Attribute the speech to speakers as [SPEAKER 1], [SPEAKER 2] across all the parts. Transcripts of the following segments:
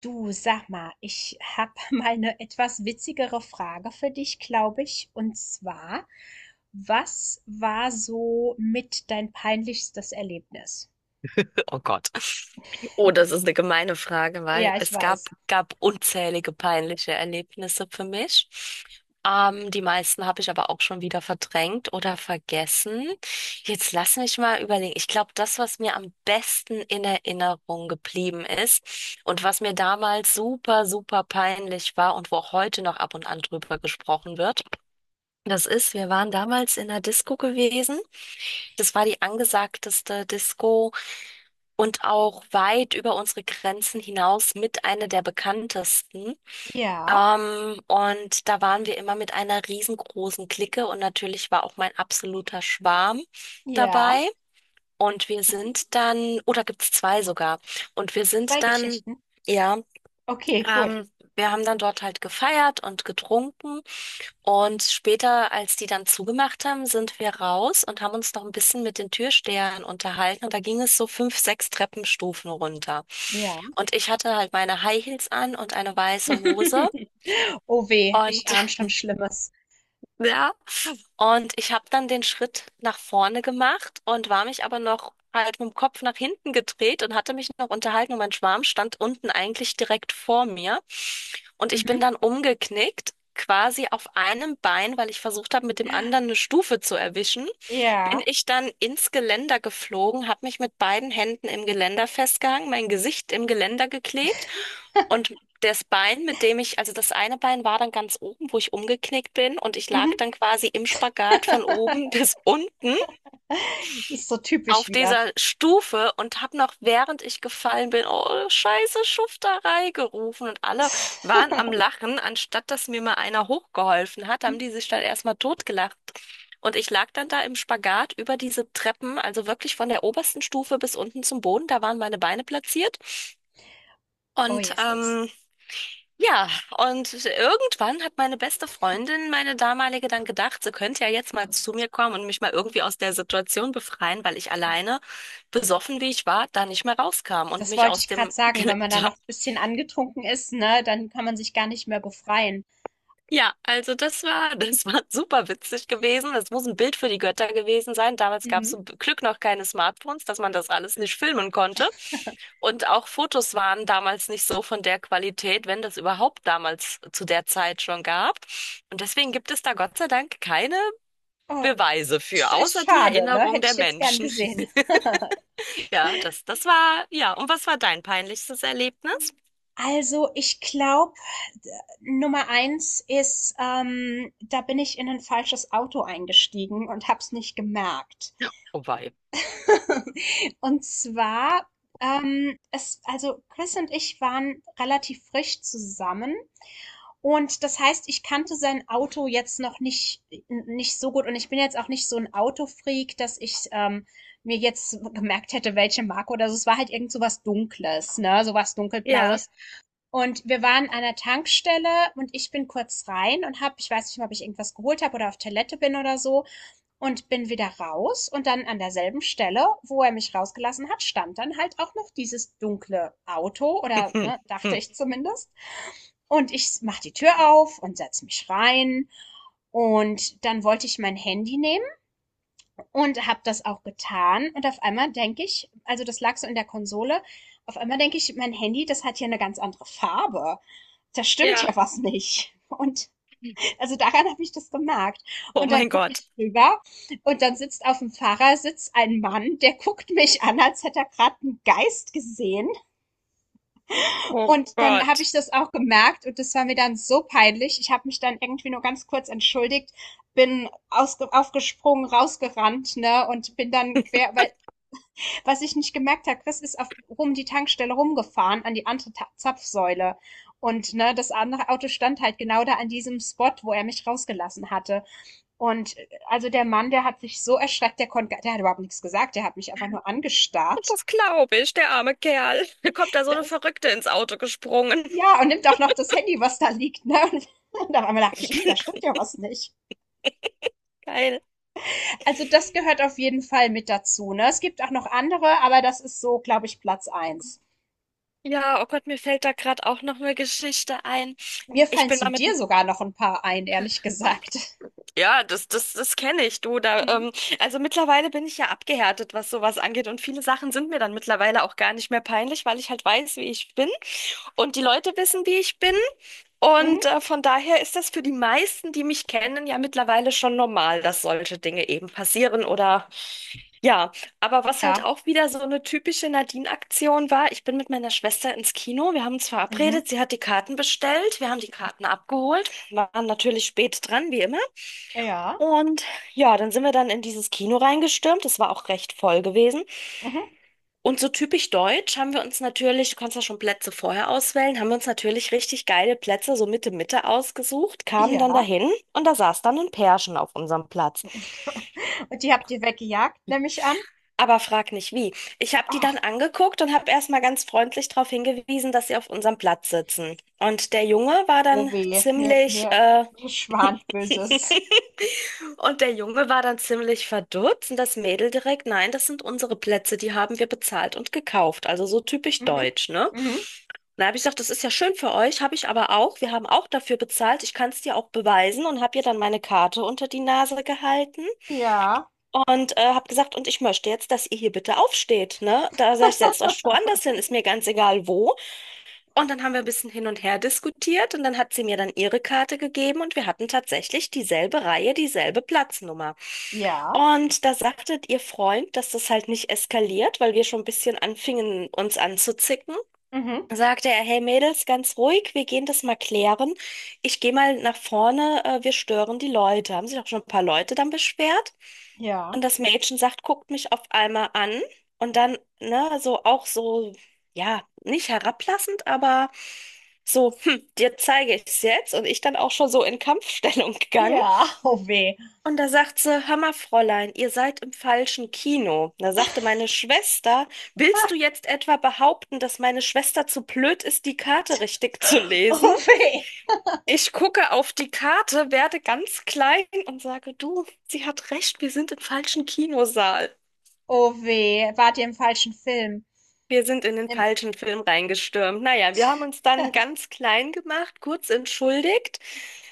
[SPEAKER 1] Du, sag mal, ich habe mal eine etwas witzigere Frage für dich, glaube ich. Und zwar, was war so mit dein peinlichstes Erlebnis?
[SPEAKER 2] Oh Gott. Oh, das ist eine gemeine Frage, weil
[SPEAKER 1] Ja, ich
[SPEAKER 2] es gab,
[SPEAKER 1] weiß.
[SPEAKER 2] gab unzählige peinliche Erlebnisse für mich. Die meisten habe ich aber auch schon wieder verdrängt oder vergessen. Jetzt lass mich mal überlegen. Ich glaube, das, was mir am besten in Erinnerung geblieben ist und was mir damals super, super peinlich war und wo auch heute noch ab und an drüber gesprochen wird, das ist, wir waren damals in einer Disco gewesen. Das war die angesagteste Disco und auch weit über unsere Grenzen hinaus mit einer der bekanntesten.
[SPEAKER 1] Ja,
[SPEAKER 2] Und da waren wir immer mit einer riesengroßen Clique und natürlich war auch mein absoluter Schwarm
[SPEAKER 1] ja,
[SPEAKER 2] dabei. Und wir sind dann, oder gibt's zwei sogar, und wir
[SPEAKER 1] zwei
[SPEAKER 2] sind dann.
[SPEAKER 1] Geschichten.
[SPEAKER 2] Ja,
[SPEAKER 1] Okay, gut.
[SPEAKER 2] ähm, wir haben dann dort halt gefeiert und getrunken und später, als die dann zugemacht haben, sind wir raus und haben uns noch ein bisschen mit den Türstehern unterhalten und da ging es so fünf, sechs Treppenstufen runter.
[SPEAKER 1] Ja.
[SPEAKER 2] Und ich hatte halt meine High Heels an und eine weiße Hose
[SPEAKER 1] Oh weh, ich
[SPEAKER 2] und
[SPEAKER 1] ahne schon Schlimmes.
[SPEAKER 2] ja, und ich habe dann den Schritt nach vorne gemacht und war mich aber noch halt mit dem Kopf nach hinten gedreht und hatte mich noch unterhalten und mein Schwarm stand unten eigentlich direkt vor mir. Und ich
[SPEAKER 1] Mhm.
[SPEAKER 2] bin dann umgeknickt, quasi auf einem Bein, weil ich versucht habe, mit dem anderen eine Stufe zu erwischen, bin
[SPEAKER 1] Ja.
[SPEAKER 2] ich dann ins Geländer geflogen, habe mich mit beiden Händen im Geländer festgehangen, mein Gesicht im Geländer geklebt und das Bein, mit dem ich, also das eine Bein war dann ganz oben, wo ich umgeknickt bin und ich lag
[SPEAKER 1] Mhm.
[SPEAKER 2] dann quasi im Spagat von oben bis unten
[SPEAKER 1] Das ist so typisch
[SPEAKER 2] auf
[SPEAKER 1] wieder.
[SPEAKER 2] dieser Stufe und habe noch, während ich gefallen bin, oh, scheiße Schufterei gerufen und alle waren am Lachen. Anstatt dass mir mal einer hochgeholfen hat, haben die sich dann erstmal totgelacht. Und ich lag dann da im Spagat über diese Treppen, also wirklich von der obersten Stufe bis unten zum Boden. Da waren meine Beine platziert.
[SPEAKER 1] Oh,
[SPEAKER 2] Und
[SPEAKER 1] Jesus.
[SPEAKER 2] ja, und irgendwann hat meine beste Freundin, meine damalige, dann gedacht, sie könnte ja jetzt mal zu mir kommen und mich mal irgendwie aus der Situation befreien, weil ich alleine, besoffen wie ich war, da nicht mehr rauskam und
[SPEAKER 1] Das
[SPEAKER 2] mich
[SPEAKER 1] wollte
[SPEAKER 2] aus
[SPEAKER 1] ich gerade
[SPEAKER 2] dem
[SPEAKER 1] sagen, wenn man da
[SPEAKER 2] Geländer.
[SPEAKER 1] noch ein bisschen angetrunken ist, ne, dann kann man sich gar nicht mehr befreien.
[SPEAKER 2] Ja, also das war super witzig gewesen. Das muss ein Bild für die Götter gewesen sein. Damals gab es
[SPEAKER 1] Mhm.
[SPEAKER 2] zum Glück noch keine Smartphones, dass man das alles nicht filmen konnte. Und auch Fotos waren damals nicht so von der Qualität, wenn das überhaupt damals zu der Zeit schon gab. Und deswegen gibt es da Gott sei Dank keine
[SPEAKER 1] Oh,
[SPEAKER 2] Beweise für,
[SPEAKER 1] ist
[SPEAKER 2] außer die
[SPEAKER 1] schade, ne?
[SPEAKER 2] Erinnerung
[SPEAKER 1] Hätte
[SPEAKER 2] der
[SPEAKER 1] ich jetzt gern
[SPEAKER 2] Menschen.
[SPEAKER 1] gesehen.
[SPEAKER 2] Ja, das, das war, ja. Und was war dein peinlichstes Erlebnis?
[SPEAKER 1] Also, ich glaube, Nummer eins ist, da bin ich in ein falsches Auto eingestiegen und habe es nicht gemerkt.
[SPEAKER 2] Oh wei.
[SPEAKER 1] Und zwar, es also, Chris und ich waren relativ frisch zusammen. Und das heißt, ich kannte sein Auto jetzt noch nicht so gut und ich bin jetzt auch nicht so ein Autofreak, dass ich, mir jetzt gemerkt hätte, welche Marke oder so. Es war halt irgend so was Dunkles, ne, so was
[SPEAKER 2] Ja,
[SPEAKER 1] Dunkelblaues. Und wir waren an einer Tankstelle und ich bin kurz rein und habe, ich weiß nicht mehr, ob ich irgendwas geholt habe oder auf Toilette bin oder so, und bin wieder raus, und dann an derselben Stelle, wo er mich rausgelassen hat, stand dann halt auch noch dieses dunkle Auto oder, ne, dachte ich zumindest. Und ich mach die Tür auf und setz mich rein. Und dann wollte ich mein Handy nehmen und habe das auch getan. Und auf einmal denke ich, also das lag so in der Konsole, auf einmal denke ich, mein Handy, das hat hier eine ganz andere Farbe. Da stimmt
[SPEAKER 2] ja.
[SPEAKER 1] ja was nicht. Und also daran habe ich das gemerkt.
[SPEAKER 2] Oh
[SPEAKER 1] Und dann
[SPEAKER 2] mein
[SPEAKER 1] gucke
[SPEAKER 2] Gott.
[SPEAKER 1] ich rüber und dann sitzt auf dem Fahrersitz ein Mann, der guckt mich an, als hätte er gerade einen Geist gesehen.
[SPEAKER 2] Oh
[SPEAKER 1] Und dann habe
[SPEAKER 2] Gott.
[SPEAKER 1] ich das auch gemerkt und das war mir dann so peinlich. Ich habe mich dann irgendwie nur ganz kurz entschuldigt, bin ausge aufgesprungen, rausgerannt, ne, und bin dann quer, weil, was ich nicht gemerkt habe, Chris ist auf rum die Tankstelle rumgefahren an die andere Ta Zapfsäule. Und ne, das andere Auto stand halt genau da an diesem Spot, wo er mich rausgelassen hatte. Und also der Mann, der hat sich so erschreckt, der konnte, der hat überhaupt nichts gesagt, der hat mich einfach nur angestarrt.
[SPEAKER 2] Das glaube ich, der arme Kerl. Mir kommt da so eine
[SPEAKER 1] Das,
[SPEAKER 2] Verrückte ins Auto gesprungen.
[SPEAKER 1] ja, und nimmt auch noch das Handy, was da liegt, ne? Und dann auf einmal dachte ich, hm, da stimmt ja was nicht.
[SPEAKER 2] Geil.
[SPEAKER 1] Also das gehört auf jeden Fall mit dazu, ne? Es gibt auch noch andere, aber das ist so, glaube ich, Platz eins.
[SPEAKER 2] Ja, oh Gott, mir fällt da gerade auch noch eine Geschichte ein.
[SPEAKER 1] Mir
[SPEAKER 2] Ich
[SPEAKER 1] fallen
[SPEAKER 2] bin
[SPEAKER 1] zu
[SPEAKER 2] damit.
[SPEAKER 1] dir sogar noch ein paar ein, ehrlich gesagt.
[SPEAKER 2] Ja, das kenne ich, du. Da,
[SPEAKER 1] Mhm.
[SPEAKER 2] also mittlerweile bin ich ja abgehärtet, was sowas angeht. Und viele Sachen sind mir dann mittlerweile auch gar nicht mehr peinlich, weil ich halt weiß, wie ich bin. Und die Leute wissen, wie ich bin. Und
[SPEAKER 1] Mhm.
[SPEAKER 2] von daher ist das für die meisten, die mich kennen, ja mittlerweile schon normal, dass solche Dinge eben passieren. Oder ja, aber was
[SPEAKER 1] Ja.
[SPEAKER 2] halt auch wieder so eine typische Nadine-Aktion war, ich bin mit meiner Schwester ins Kino, wir haben uns
[SPEAKER 1] Mhm.
[SPEAKER 2] verabredet, sie hat die Karten bestellt, wir haben die Karten abgeholt, waren natürlich spät dran, wie immer.
[SPEAKER 1] Ja.
[SPEAKER 2] Und ja, dann sind wir dann in dieses Kino reingestürmt, es war auch recht voll gewesen.
[SPEAKER 1] Mhm.
[SPEAKER 2] Und so typisch deutsch haben wir uns natürlich, du kannst ja schon Plätze vorher auswählen, haben wir uns natürlich richtig geile Plätze so Mitte Mitte ausgesucht, kamen dann
[SPEAKER 1] Ja.
[SPEAKER 2] dahin und da saß dann ein Pärchen auf unserem Platz.
[SPEAKER 1] Und die habt ihr weggejagt, nehme ich an.
[SPEAKER 2] Aber frag nicht wie. Ich habe die
[SPEAKER 1] Ach,
[SPEAKER 2] dann angeguckt und habe erstmal ganz freundlich darauf hingewiesen, dass sie auf unserem Platz sitzen. Und der Junge war
[SPEAKER 1] oh
[SPEAKER 2] dann
[SPEAKER 1] weh, mir,
[SPEAKER 2] ziemlich,
[SPEAKER 1] mir, mir schwant Böses.
[SPEAKER 2] und der Junge war dann ziemlich verdutzt und das Mädel direkt, nein, das sind unsere Plätze, die haben wir bezahlt und gekauft. Also so typisch
[SPEAKER 1] Mhm.
[SPEAKER 2] deutsch, ne? Und
[SPEAKER 1] Mhm.
[SPEAKER 2] da habe ich gesagt, das ist ja schön für euch, habe ich aber auch. Wir haben auch dafür bezahlt. Ich kann es dir auch beweisen und habe ihr dann meine Karte unter die Nase gehalten.
[SPEAKER 1] Ja.
[SPEAKER 2] Und habe gesagt, und ich möchte jetzt, dass ihr hier bitte aufsteht, ne? Da sag ich, setzt euch woanders hin, ist mir ganz egal wo. Und dann haben wir ein bisschen hin und her diskutiert und dann hat sie mir dann ihre Karte gegeben und wir hatten tatsächlich dieselbe Reihe, dieselbe Platznummer.
[SPEAKER 1] Ja.
[SPEAKER 2] Und da sagte ihr Freund, dass das halt nicht eskaliert, weil wir schon ein bisschen anfingen, uns anzuzicken,
[SPEAKER 1] Mhm.
[SPEAKER 2] sagte er, hey Mädels, ganz ruhig, wir gehen das mal klären. Ich gehe mal nach vorne, wir stören die Leute. Haben sich auch schon ein paar Leute dann beschwert.
[SPEAKER 1] Ja.
[SPEAKER 2] Und das Mädchen sagt, guckt mich auf einmal an und dann, ne, so auch so, ja, nicht herablassend, aber so, hm, dir zeige ich es jetzt. Und ich dann auch schon so in Kampfstellung gegangen.
[SPEAKER 1] Ja. Oh weh.
[SPEAKER 2] Und da sagt sie, hör mal, Fräulein, ihr seid im falschen Kino. Da sagte meine Schwester, willst du jetzt etwa behaupten, dass meine Schwester zu blöd ist, die Karte richtig zu lesen?
[SPEAKER 1] Oh weh.
[SPEAKER 2] Ich gucke auf die Karte, werde ganz klein und sage, du, sie hat recht, wir sind im falschen Kinosaal.
[SPEAKER 1] Oh weh. Wart ihr im falschen Film?
[SPEAKER 2] Wir sind in den
[SPEAKER 1] Im
[SPEAKER 2] falschen Film reingestürmt. Naja, wir haben uns dann ganz klein gemacht, kurz entschuldigt,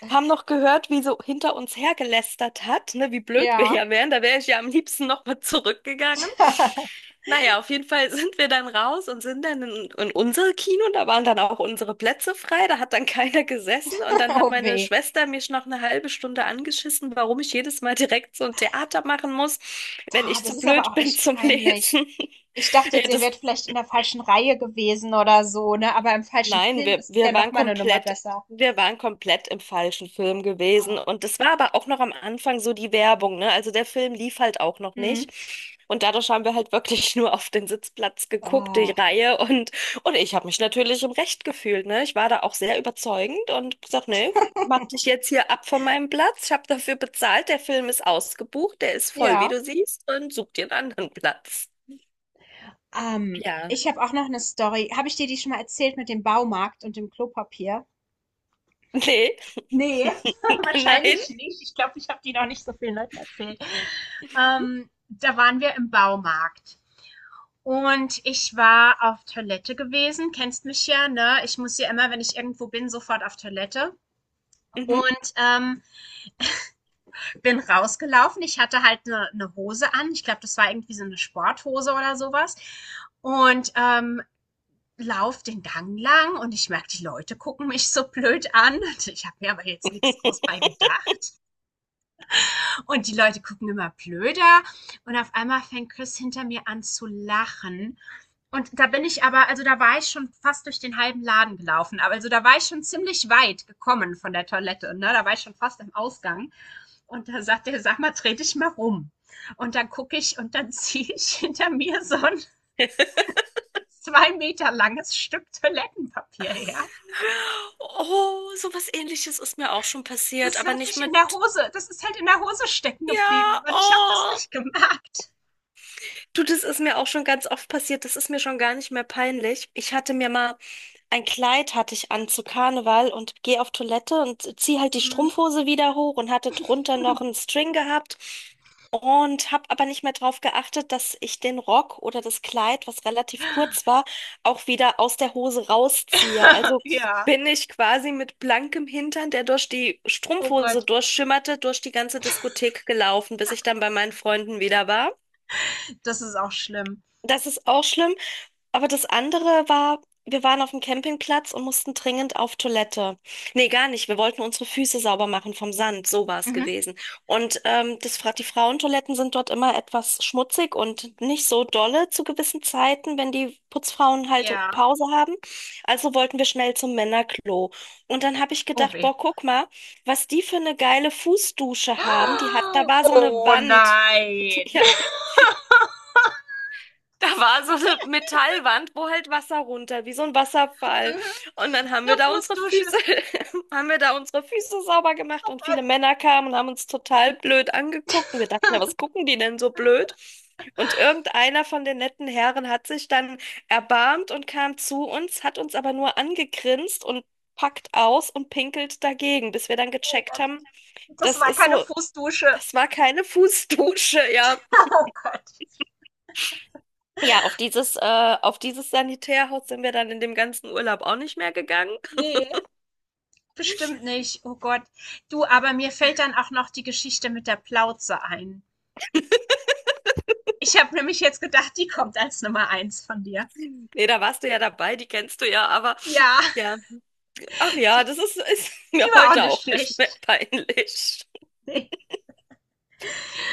[SPEAKER 2] haben noch gehört, wie so hinter uns hergelästert hat, ne, wie blöd wir
[SPEAKER 1] ja.
[SPEAKER 2] ja wären. Da wäre ich ja am liebsten nochmal zurückgegangen. Naja, auf jeden Fall sind wir dann raus und sind dann in unser Kino. Da waren dann auch unsere Plätze frei. Da hat dann keiner gesessen. Und dann hat
[SPEAKER 1] Oh
[SPEAKER 2] meine
[SPEAKER 1] weh.
[SPEAKER 2] Schwester mich noch eine halbe Stunde angeschissen, warum ich jedes Mal direkt so ein Theater machen muss, wenn
[SPEAKER 1] Ta,
[SPEAKER 2] ich zu
[SPEAKER 1] das ist aber
[SPEAKER 2] blöd
[SPEAKER 1] auch
[SPEAKER 2] bin
[SPEAKER 1] echt
[SPEAKER 2] zum
[SPEAKER 1] peinlich.
[SPEAKER 2] Lesen.
[SPEAKER 1] Ich dachte
[SPEAKER 2] Ja,
[SPEAKER 1] jetzt, ihr
[SPEAKER 2] das.
[SPEAKER 1] wärt vielleicht in der falschen Reihe gewesen oder so, ne? Aber im falschen
[SPEAKER 2] Nein,
[SPEAKER 1] Film,
[SPEAKER 2] wir,
[SPEAKER 1] das ist ja
[SPEAKER 2] wir
[SPEAKER 1] noch
[SPEAKER 2] waren
[SPEAKER 1] mal eine Nummer
[SPEAKER 2] komplett,
[SPEAKER 1] besser.
[SPEAKER 2] wir waren komplett im falschen Film gewesen.
[SPEAKER 1] Oh.
[SPEAKER 2] Und das war aber auch noch am Anfang so die Werbung, ne? Also der Film lief halt auch noch
[SPEAKER 1] Mhm.
[SPEAKER 2] nicht. Und dadurch haben wir halt wirklich nur auf den Sitzplatz geguckt, die
[SPEAKER 1] Oh.
[SPEAKER 2] Reihe. Und ich habe mich natürlich im Recht gefühlt, ne? Ich war da auch sehr überzeugend und gesagt, nee, mach dich jetzt hier ab von meinem Platz. Ich habe dafür bezahlt. Der Film ist ausgebucht, der ist voll, wie
[SPEAKER 1] Ja.
[SPEAKER 2] du siehst, und such dir einen anderen Platz. Ja,
[SPEAKER 1] Ich habe auch noch eine Story. Habe ich dir die schon mal erzählt mit dem Baumarkt und dem Klopapier?
[SPEAKER 2] nee,
[SPEAKER 1] Ne,
[SPEAKER 2] nein.
[SPEAKER 1] wahrscheinlich nicht. Ich glaube, ich habe die noch nicht so vielen Leuten erzählt. Da waren wir im Baumarkt. Und ich war auf Toilette gewesen, kennst mich ja, ne? Ich muss ja immer, wenn ich irgendwo bin, sofort auf Toilette.
[SPEAKER 2] Mhm.
[SPEAKER 1] Und bin rausgelaufen. Ich hatte halt eine ne Hose an. Ich glaube, das war irgendwie so eine Sporthose oder sowas. Und lauf den Gang lang und ich merke, die Leute gucken mich so blöd an. Und ich habe mir aber jetzt nichts groß bei gedacht. Und die Leute gucken immer blöder. Und auf einmal fängt Chris hinter mir an zu lachen. Und da bin ich aber, also da war ich schon fast durch den halben Laden gelaufen. Aber also da war ich schon ziemlich weit gekommen von der Toilette. Ne? Da war ich schon fast am Ausgang. Und da sagt er, sag mal, dreh dich mal rum. Und dann gucke ich und dann ziehe ich hinter mir so ein 2 Meter langes Stück Toilettenpapier her.
[SPEAKER 2] Oh, sowas Ähnliches ist mir auch schon passiert,
[SPEAKER 1] Das
[SPEAKER 2] aber
[SPEAKER 1] hat
[SPEAKER 2] nicht
[SPEAKER 1] sich in
[SPEAKER 2] mit.
[SPEAKER 1] der Hose, das ist halt in der Hose stecken geblieben.
[SPEAKER 2] Ja,
[SPEAKER 1] Und ich habe das
[SPEAKER 2] oh.
[SPEAKER 1] nicht gemerkt.
[SPEAKER 2] Du, das ist mir auch schon ganz oft passiert. Das ist mir schon gar nicht mehr peinlich. Ich hatte mir mal ein Kleid hatte ich an zu Karneval und gehe auf Toilette und ziehe halt die
[SPEAKER 1] Mhm.
[SPEAKER 2] Strumpfhose wieder hoch und hatte drunter noch einen String gehabt und habe aber nicht mehr drauf geachtet, dass ich den Rock oder das Kleid, was relativ kurz war, auch wieder aus der Hose rausziehe. Also
[SPEAKER 1] Ja.
[SPEAKER 2] bin ich quasi mit blankem Hintern, der durch die
[SPEAKER 1] Oh
[SPEAKER 2] Strumpfhose
[SPEAKER 1] Gott,
[SPEAKER 2] durchschimmerte, durch die ganze Diskothek gelaufen, bis ich dann bei meinen Freunden wieder war.
[SPEAKER 1] das ist auch schlimm.
[SPEAKER 2] Das ist auch schlimm. Aber das andere war, wir waren auf dem Campingplatz und mussten dringend auf Toilette. Nee, gar nicht. Wir wollten unsere Füße sauber machen vom Sand. So war es
[SPEAKER 1] Mhm.
[SPEAKER 2] gewesen. Und das, die Frauentoiletten sind dort immer etwas schmutzig und nicht so dolle zu gewissen Zeiten, wenn die Putzfrauen halt
[SPEAKER 1] Ja.
[SPEAKER 2] Pause haben. Also wollten wir schnell zum Männerklo. Und dann habe ich
[SPEAKER 1] Oh
[SPEAKER 2] gedacht,
[SPEAKER 1] weh.
[SPEAKER 2] boah, guck mal, was die für eine geile Fußdusche haben. Die hat, da war so eine
[SPEAKER 1] Oh
[SPEAKER 2] Wand.
[SPEAKER 1] nein.
[SPEAKER 2] Ja, da war so eine Metallwand, wo halt Wasser runter, wie so ein Wasserfall.
[SPEAKER 1] Mhm,
[SPEAKER 2] Und dann haben wir
[SPEAKER 1] 'ne
[SPEAKER 2] da unsere
[SPEAKER 1] Fußdusche.
[SPEAKER 2] Füße, haben wir da unsere Füße sauber gemacht
[SPEAKER 1] Oh
[SPEAKER 2] und
[SPEAKER 1] Gott,
[SPEAKER 2] viele Männer kamen und haben uns total blöd angeguckt. Und wir dachten, ja, was gucken die denn so blöd? Und irgendeiner von den netten Herren hat sich dann erbarmt und kam zu uns, hat uns aber nur angegrinst und packt aus und pinkelt dagegen, bis wir dann
[SPEAKER 1] oh
[SPEAKER 2] gecheckt
[SPEAKER 1] Gott.
[SPEAKER 2] haben,
[SPEAKER 1] Das
[SPEAKER 2] das
[SPEAKER 1] war
[SPEAKER 2] ist
[SPEAKER 1] keine
[SPEAKER 2] so,
[SPEAKER 1] Fußdusche.
[SPEAKER 2] das war keine Fußdusche, ja.
[SPEAKER 1] Oh Gott.
[SPEAKER 2] Ja, auf dieses Sanitärhaus sind wir dann in dem ganzen Urlaub auch nicht mehr gegangen.
[SPEAKER 1] Ne, bestimmt nicht. Oh Gott. Du, aber mir fällt dann auch noch die Geschichte mit der Plauze ein. Ich habe nämlich jetzt gedacht, die kommt als Nummer eins von dir.
[SPEAKER 2] Nee, da warst du ja dabei, die kennst du ja, aber
[SPEAKER 1] Ja,
[SPEAKER 2] ja, ach ja,
[SPEAKER 1] die
[SPEAKER 2] das ist, ist
[SPEAKER 1] die
[SPEAKER 2] mir
[SPEAKER 1] war auch
[SPEAKER 2] heute
[SPEAKER 1] nicht
[SPEAKER 2] auch nicht
[SPEAKER 1] schlecht.
[SPEAKER 2] mehr peinlich.
[SPEAKER 1] Ne,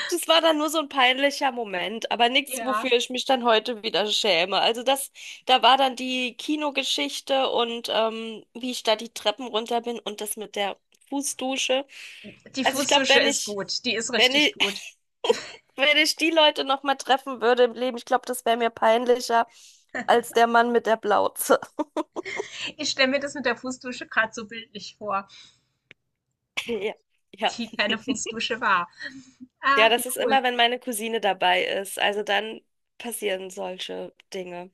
[SPEAKER 2] Das war dann nur so ein peinlicher Moment, aber nichts,
[SPEAKER 1] ja.
[SPEAKER 2] wofür ich mich dann heute wieder schäme. Also das, da war dann die Kinogeschichte und wie ich da die Treppen runter bin und das mit der Fußdusche.
[SPEAKER 1] Die
[SPEAKER 2] Also ich glaube,
[SPEAKER 1] Fußdusche
[SPEAKER 2] wenn
[SPEAKER 1] ist
[SPEAKER 2] ich,
[SPEAKER 1] gut. Die ist
[SPEAKER 2] wenn
[SPEAKER 1] richtig
[SPEAKER 2] ich
[SPEAKER 1] gut.
[SPEAKER 2] wenn ich die Leute noch mal treffen würde im Leben, ich glaube, das wäre mir peinlicher als der Mann mit der Plauze.
[SPEAKER 1] Ich stelle mir das mit der Fußdusche gerade so bildlich vor,
[SPEAKER 2] Ja, ja.
[SPEAKER 1] die keine Fußdusche war.
[SPEAKER 2] Ja,
[SPEAKER 1] Ah, wie
[SPEAKER 2] das ist
[SPEAKER 1] cool.
[SPEAKER 2] immer, wenn meine Cousine dabei ist. Also dann passieren solche Dinge.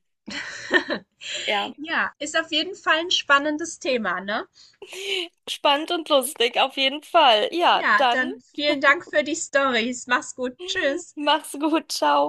[SPEAKER 2] Ja,
[SPEAKER 1] Ja, ist auf jeden Fall ein spannendes Thema, ne?
[SPEAKER 2] spannend und lustig auf jeden Fall. Ja,
[SPEAKER 1] Ja,
[SPEAKER 2] dann
[SPEAKER 1] dann vielen Dank für die Stories. Mach's gut. Tschüss.
[SPEAKER 2] mach's gut, ciao.